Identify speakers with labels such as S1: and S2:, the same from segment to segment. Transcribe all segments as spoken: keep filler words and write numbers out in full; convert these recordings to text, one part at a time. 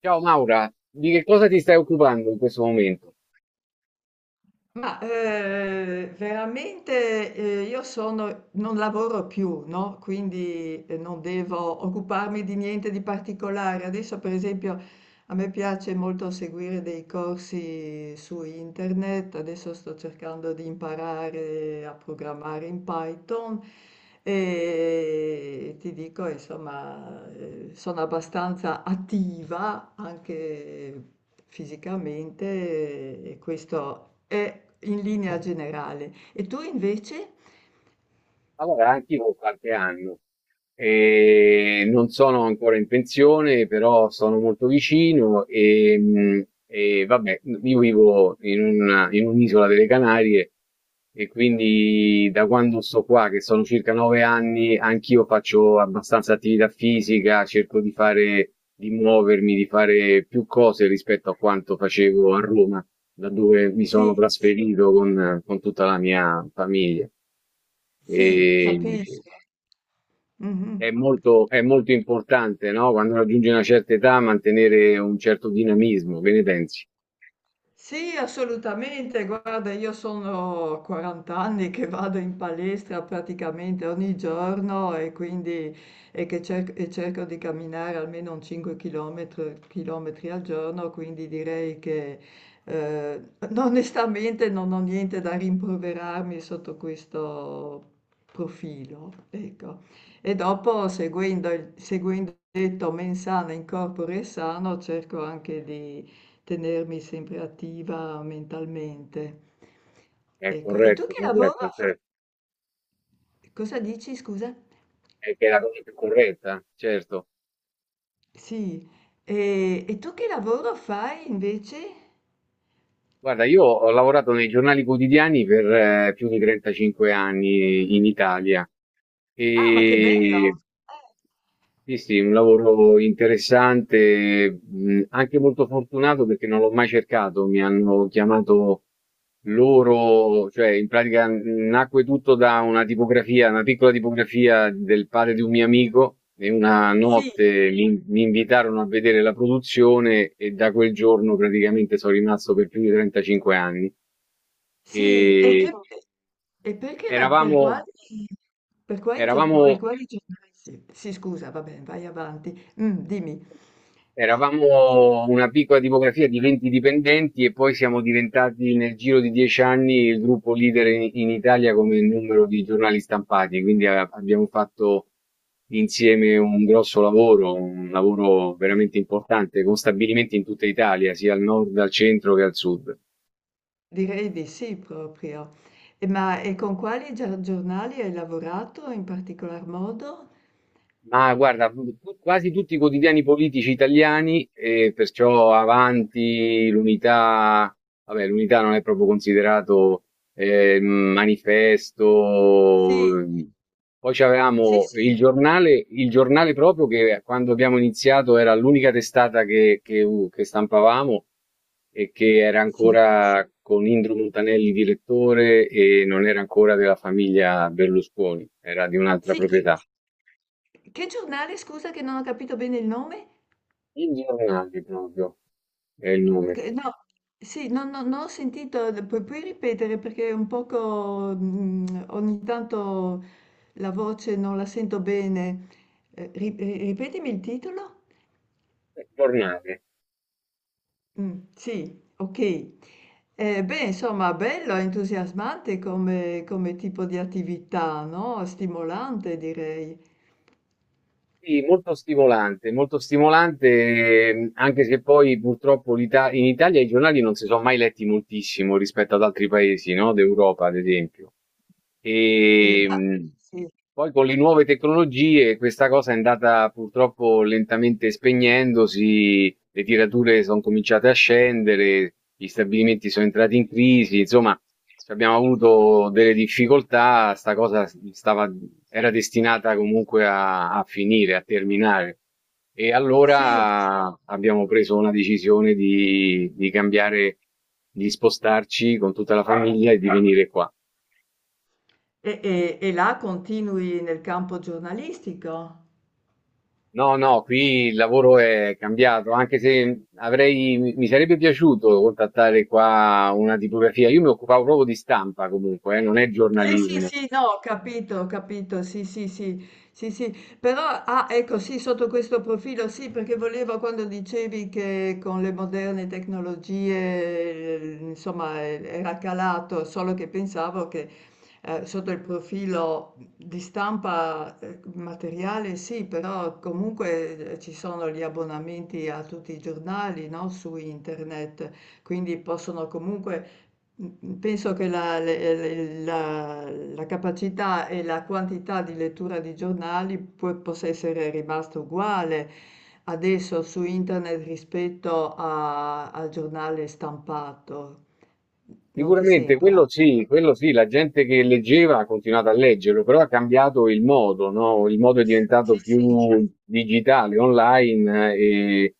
S1: Ciao Maura, di che cosa ti stai occupando in questo momento?
S2: Ma eh, veramente eh, io sono, non lavoro più, no? Quindi eh, non devo occuparmi di niente di particolare. Adesso, per esempio, a me piace molto seguire dei corsi su internet, adesso sto cercando di imparare a programmare in Python e ti dico, insomma, eh, sono abbastanza attiva anche fisicamente e questo è in linea generale. E tu invece?
S1: Allora, anch'io ho qualche anno e non sono ancora in pensione, però sono molto vicino e, mh, e vabbè, io vivo in una- in un'isola delle Canarie e quindi da quando sto qua, che sono circa nove anni, anch'io faccio abbastanza attività fisica, cerco di fare, di muovermi, di fare più cose rispetto a quanto facevo a Roma, da dove mi sono
S2: Sì,
S1: trasferito con, con tutta la mia famiglia. E
S2: sì, capisco.
S1: è
S2: Mhm.
S1: molto, è molto importante, no? Quando raggiungi una certa età, mantenere un certo dinamismo, che ne pensi?
S2: Sì, assolutamente. Guarda, io sono quaranta anni che vado in palestra praticamente ogni giorno e quindi e che cer- e cerco di camminare almeno un cinque chilometri chilometri al giorno, quindi direi che eh, onestamente non ho niente da rimproverarmi sotto questo profilo. Ecco. E dopo, seguendo il, seguendo il detto mens sana in corpore sano, cerco anche di tenermi sempre attiva mentalmente.
S1: È
S2: Ecco, e tu
S1: corretto,
S2: che lavoro
S1: corretto, certo.
S2: cosa dici, scusa?
S1: È che è la cosa più corretta, certo.
S2: Sì, e, e tu che lavoro fai invece?
S1: Guarda, io ho lavorato nei giornali quotidiani per eh, più di trentacinque anni in Italia
S2: Ah, ma che
S1: e.
S2: bello! Eh,
S1: Sì, sì, un lavoro interessante, mh, anche molto fortunato perché non l'ho mai cercato, mi hanno chiamato loro, cioè in pratica mh, nacque tutto da una tipografia, una piccola tipografia del padre di un mio amico e una
S2: sì,
S1: notte mi, mi invitarono a vedere la produzione e da quel giorno praticamente sono rimasto per più di trentacinque anni.
S2: sì, e,
S1: E
S2: che, e perché la, per
S1: eravamo,
S2: quali, per quali, gior-
S1: eravamo
S2: per quali giornali siete? Sì, scusa, va bene, vai avanti. Mm, dimmi.
S1: Eravamo una piccola tipografia di venti dipendenti e poi siamo diventati nel giro di dieci anni il gruppo leader in, in Italia come numero di giornali stampati, quindi a- abbiamo fatto insieme un grosso lavoro, un lavoro
S2: Eh,
S1: veramente importante con stabilimenti in tutta Italia, sia al nord, al centro che al sud.
S2: direi di sì proprio. E ma e con quali gia- giornali hai lavorato in particolar modo?
S1: Ma guarda, tu- tu- quasi tutti i quotidiani politici italiani, e perciò Avanti, l'Unità, vabbè, l'Unità non è proprio considerato eh, manifesto.
S2: Sì,
S1: Poi
S2: sì,
S1: c'avevamo il
S2: sì,
S1: giornale, il giornale proprio che quando abbiamo iniziato era l'unica testata che, che u- che stampavamo e che era
S2: sì.
S1: ancora con Indro Montanelli direttore e non era ancora della famiglia Berlusconi, era di un'altra
S2: Sì, che
S1: proprietà.
S2: che giornale, scusa, che non ho capito bene il nome?
S1: Il giornale proprio è il nome.
S2: Che no, sì, non non- non ho sentito, pu- puoi ripetere perché un poco mm, ogni tanto la voce non la sento bene. Eh, ri- ri- ripetimi il titolo?
S1: Eh, giornale.
S2: Mm, sì, ok. Eh, beh, insomma, bello, entusiasmante come, come tipo di attività, no? Stimolante, direi.
S1: Sì, molto stimolante, molto stimolante, ehm, anche se poi purtroppo l'Ita- in Italia i giornali non si sono mai letti moltissimo rispetto ad altri paesi, no? D'Europa, ad esempio.
S2: Eh,
S1: E
S2: ma-
S1: mh,
S2: sì.
S1: poi con le nuove tecnologie questa cosa è andata purtroppo lentamente spegnendosi, le tirature sono cominciate a scendere, gli stabilimenti sono entrati in crisi, insomma, cioè, abbiamo avuto delle difficoltà, sta cosa stava, era destinata comunque a, a finire, a terminare. E
S2: Sì,
S1: allora abbiamo preso una decisione di, di cambiare, di spostarci con tutta la famiglia e di venire qua.
S2: e e e là continui nel campo giornalistico?
S1: No, no, qui il lavoro è cambiato, anche se avrei, mi mi sarebbe piaciuto contattare qua una tipografia. Io mi occupavo proprio di stampa comunque, eh, non è
S2: Sì, sì,
S1: giornalismo.
S2: sì, no, ho capito, ho capito, sì, sì, sì, sì, sì, però, ah, ecco, sì, sotto questo profilo, sì, perché volevo quando dicevi che con le moderne tecnologie, eh, insomma, eh, era calato, solo che pensavo che eh, sotto il profilo di stampa eh, materiale, sì, però comunque eh, ci sono gli abbonamenti a tutti i giornali, no, su internet, quindi possono comunque mh-mh, penso che la le le la la capacità e la quantità di lettura di giornali può possa essere rimasta uguale adesso su internet rispetto a al giornale stampato. N non ti
S1: Sicuramente
S2: sembra?
S1: quello sì, quello sì, la gente che leggeva ha continuato a leggerlo, però ha cambiato il modo, no? Il modo è
S2: Sì,
S1: diventato
S2: sì.
S1: più digitale, online eh, e,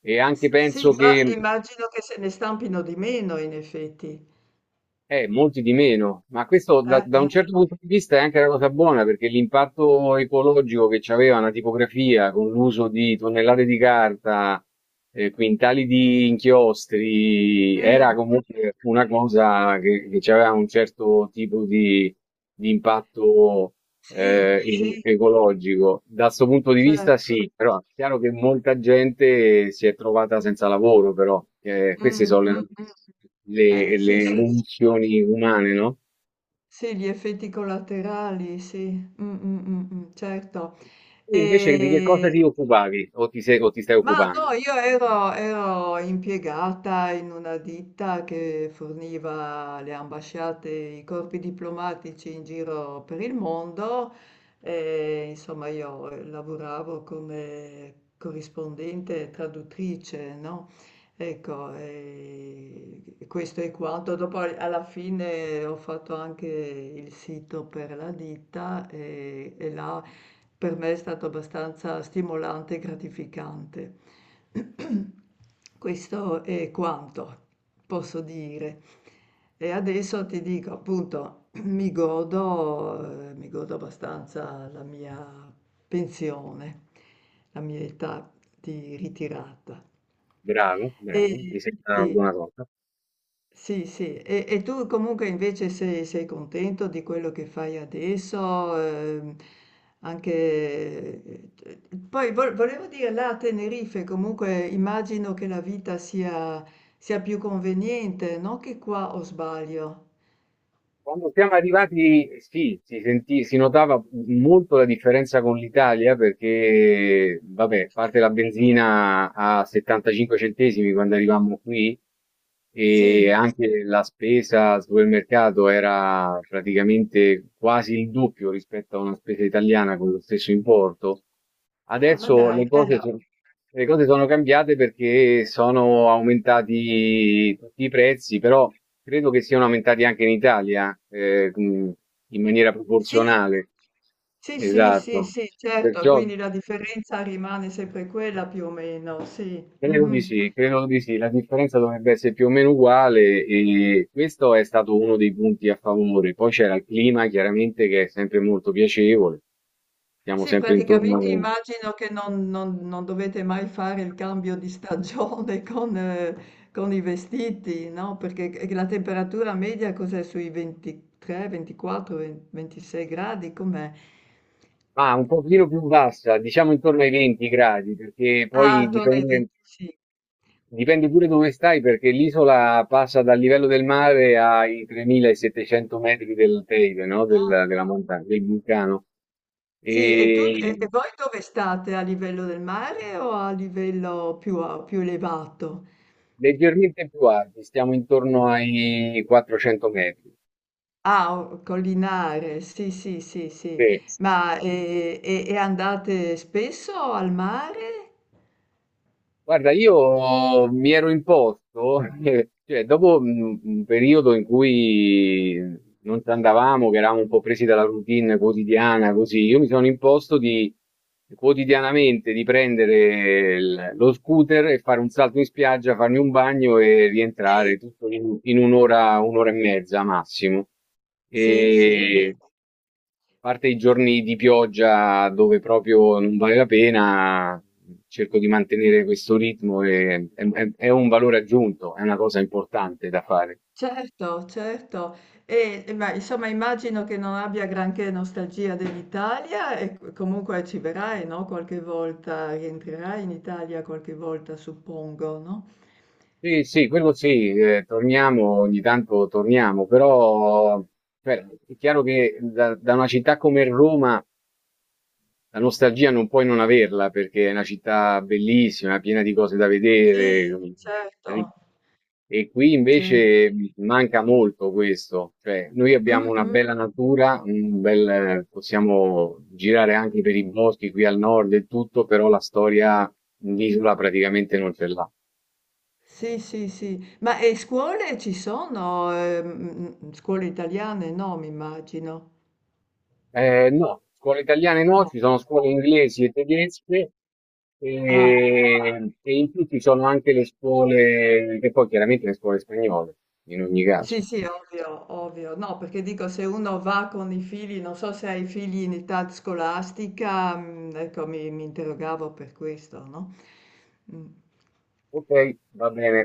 S1: e anche
S2: S sì,
S1: penso
S2: ma
S1: che.
S2: immagino che se ne stampino di meno in effetti.
S1: Eh, molti di meno, ma questo da,
S2: Eh,
S1: da un
S2: eh.
S1: certo punto di vista è anche una cosa buona perché l'impatto ecologico che c'aveva una tipografia con l'uso di tonnellate di carta, eh, quintali di inchiostri,
S2: Mh,
S1: era comunque una cosa che, che c'aveva un certo tipo di, di impatto
S2: sì,
S1: eh, e-
S2: sì,
S1: ecologico. Da questo punto di vista,
S2: certo.
S1: sì, però è chiaro che molta gente si è trovata senza lavoro, però eh, queste
S2: Mh,
S1: sono le,
S2: mh, mh.
S1: le,
S2: Eh,
S1: le
S2: sì, s
S1: condizioni umane, no?
S2: sì, gli effetti collaterali, sì. Mh, mh, mh, mh, certo.
S1: Tu invece di che cosa
S2: E
S1: ti occupavi o ti, sei, o ti stai
S2: ma
S1: occupando?
S2: no, io ero, ero impiegata in una ditta che forniva alle ambasciate i corpi diplomatici in giro per il mondo e insomma io lavoravo come corrispondente e traduttrice, no? Ecco, e questo è quanto. Dopo alla fine ho fatto anche il sito per la ditta e e là per me è stato abbastanza stimolante e gratificante. Questo è quanto posso dire. E adesso ti dico, appunto, mi godo, eh, mi godo abbastanza la mia pensione, la mia età di ritirata.
S1: Bravo,
S2: E
S1: bravo, mi sembra una
S2: sì,
S1: buona cosa.
S2: sì, sì. E e tu comunque invece sei sei contento di quello che fai adesso? Ehm, anche... eh, Poi vo- volevo dire, là a Tenerife comunque immagino che la vita sia, sia più conveniente, non che qua, o sbaglio.
S1: Quando siamo arrivati, sì, si sentì, si notava molto la differenza con l'Italia perché, vabbè, a parte la benzina a settantacinque centesimi quando arrivammo qui e
S2: Sì.
S1: anche la spesa al supermercato era praticamente quasi il doppio rispetto a una spesa italiana con lo stesso importo.
S2: Ah, ma
S1: Adesso
S2: dai.
S1: le
S2: Eh.
S1: cose, so- le cose sono cambiate perché sono aumentati tutti i prezzi, però credo che siano aumentati anche in Italia, eh, mh, in maniera
S2: Sì.
S1: proporzionale.
S2: Sì, sì, sì,
S1: Esatto.
S2: sì, certo,
S1: Perciò
S2: quindi la differenza rimane sempre quella più o meno, sì.
S1: credo di
S2: Mhm.
S1: sì, credo di sì. La differenza dovrebbe essere più o meno uguale e questo è stato uno dei punti a favore. Poi c'era il clima, chiaramente, che è sempre molto piacevole. Siamo
S2: Sì,
S1: sempre
S2: praticamente
S1: intorno.
S2: immagino che non, non- non dovete mai fare il cambio di stagione con, eh, con i vestiti, no? Perché c- la temperatura media cos'è, sui ventitré, ventiquattro, venti, ventisei gradi? Com'è?
S1: Ma un pochino più bassa, diciamo intorno ai venti gradi, perché
S2: Ah,
S1: poi
S2: attorno ai
S1: dipende,
S2: venticinque.
S1: dipende pure dove stai, perché l'isola passa dal livello del mare ai tremilasettecento metri dell'alteide, no?
S2: Ah,
S1: Del- della montagna, del vulcano.
S2: sì, e tu, e
S1: E
S2: e voi dove state? A livello del mare o a livello più, a- più elevato?
S1: leggermente più alti, stiamo intorno ai quattrocento metri.
S2: Ah, o collinare, sì, sì, sì, sì.
S1: Sì.
S2: Ma e, e- e andate spesso al mare?
S1: Guarda, io mi ero imposto, eh, cioè dopo un un periodo in cui non ci andavamo, che eravamo un po' presi dalla routine quotidiana, così, io mi sono imposto di quotidianamente di prendere il- lo scooter e fare un salto in spiaggia, farmi un bagno e
S2: Sì,
S1: rientrare tutto in, in un'ora, un'ora e mezza massimo.
S2: sì, sì, beh,
S1: Parte i giorni di pioggia dove proprio non vale la pena, cerco di mantenere questo ritmo e è, è- è un valore aggiunto, è una cosa importante da fare.
S2: certo, certo. E, e ma insomma immagino che non abbia granché nostalgia dell'Italia e co- comunque ci verrai, no? Qualche volta, rientrerai in Italia qualche volta, suppongo, no?
S1: Sì, sì, quello sì, eh, torniamo, ogni tanto torniamo, però cioè, è chiaro che da, da una città come Roma. La nostalgia non puoi non averla perché è una città bellissima, piena di cose da
S2: Sì,
S1: vedere. ri-
S2: certo,
S1: E qui
S2: certo.
S1: invece manca molto questo, cioè noi abbiamo
S2: Mm,
S1: una
S2: mm.
S1: bella natura, un bel- possiamo girare anche per i boschi qui al nord e tutto, però la storia in isola praticamente non ce l'ha.
S2: Sì, sì, sì. Ma e scuole ci sono? Ehm, mhmm, scuole italiane? No, mi immagino.
S1: Ehm, no, scuole italiane no,
S2: No.
S1: ci sono scuole inglesi e tedesche,
S2: Ah.
S1: ehm, e in più ci sono anche le scuole e poi chiaramente le scuole spagnole, in ogni caso.
S2: Sì, sì, ovvio, ovvio. No, perché dico se uno va con i figli, non so se hai figli in età scolastica, mhmm, ecco mi, mi interrogavo per questo, no? Mm.
S1: Okay, va bene.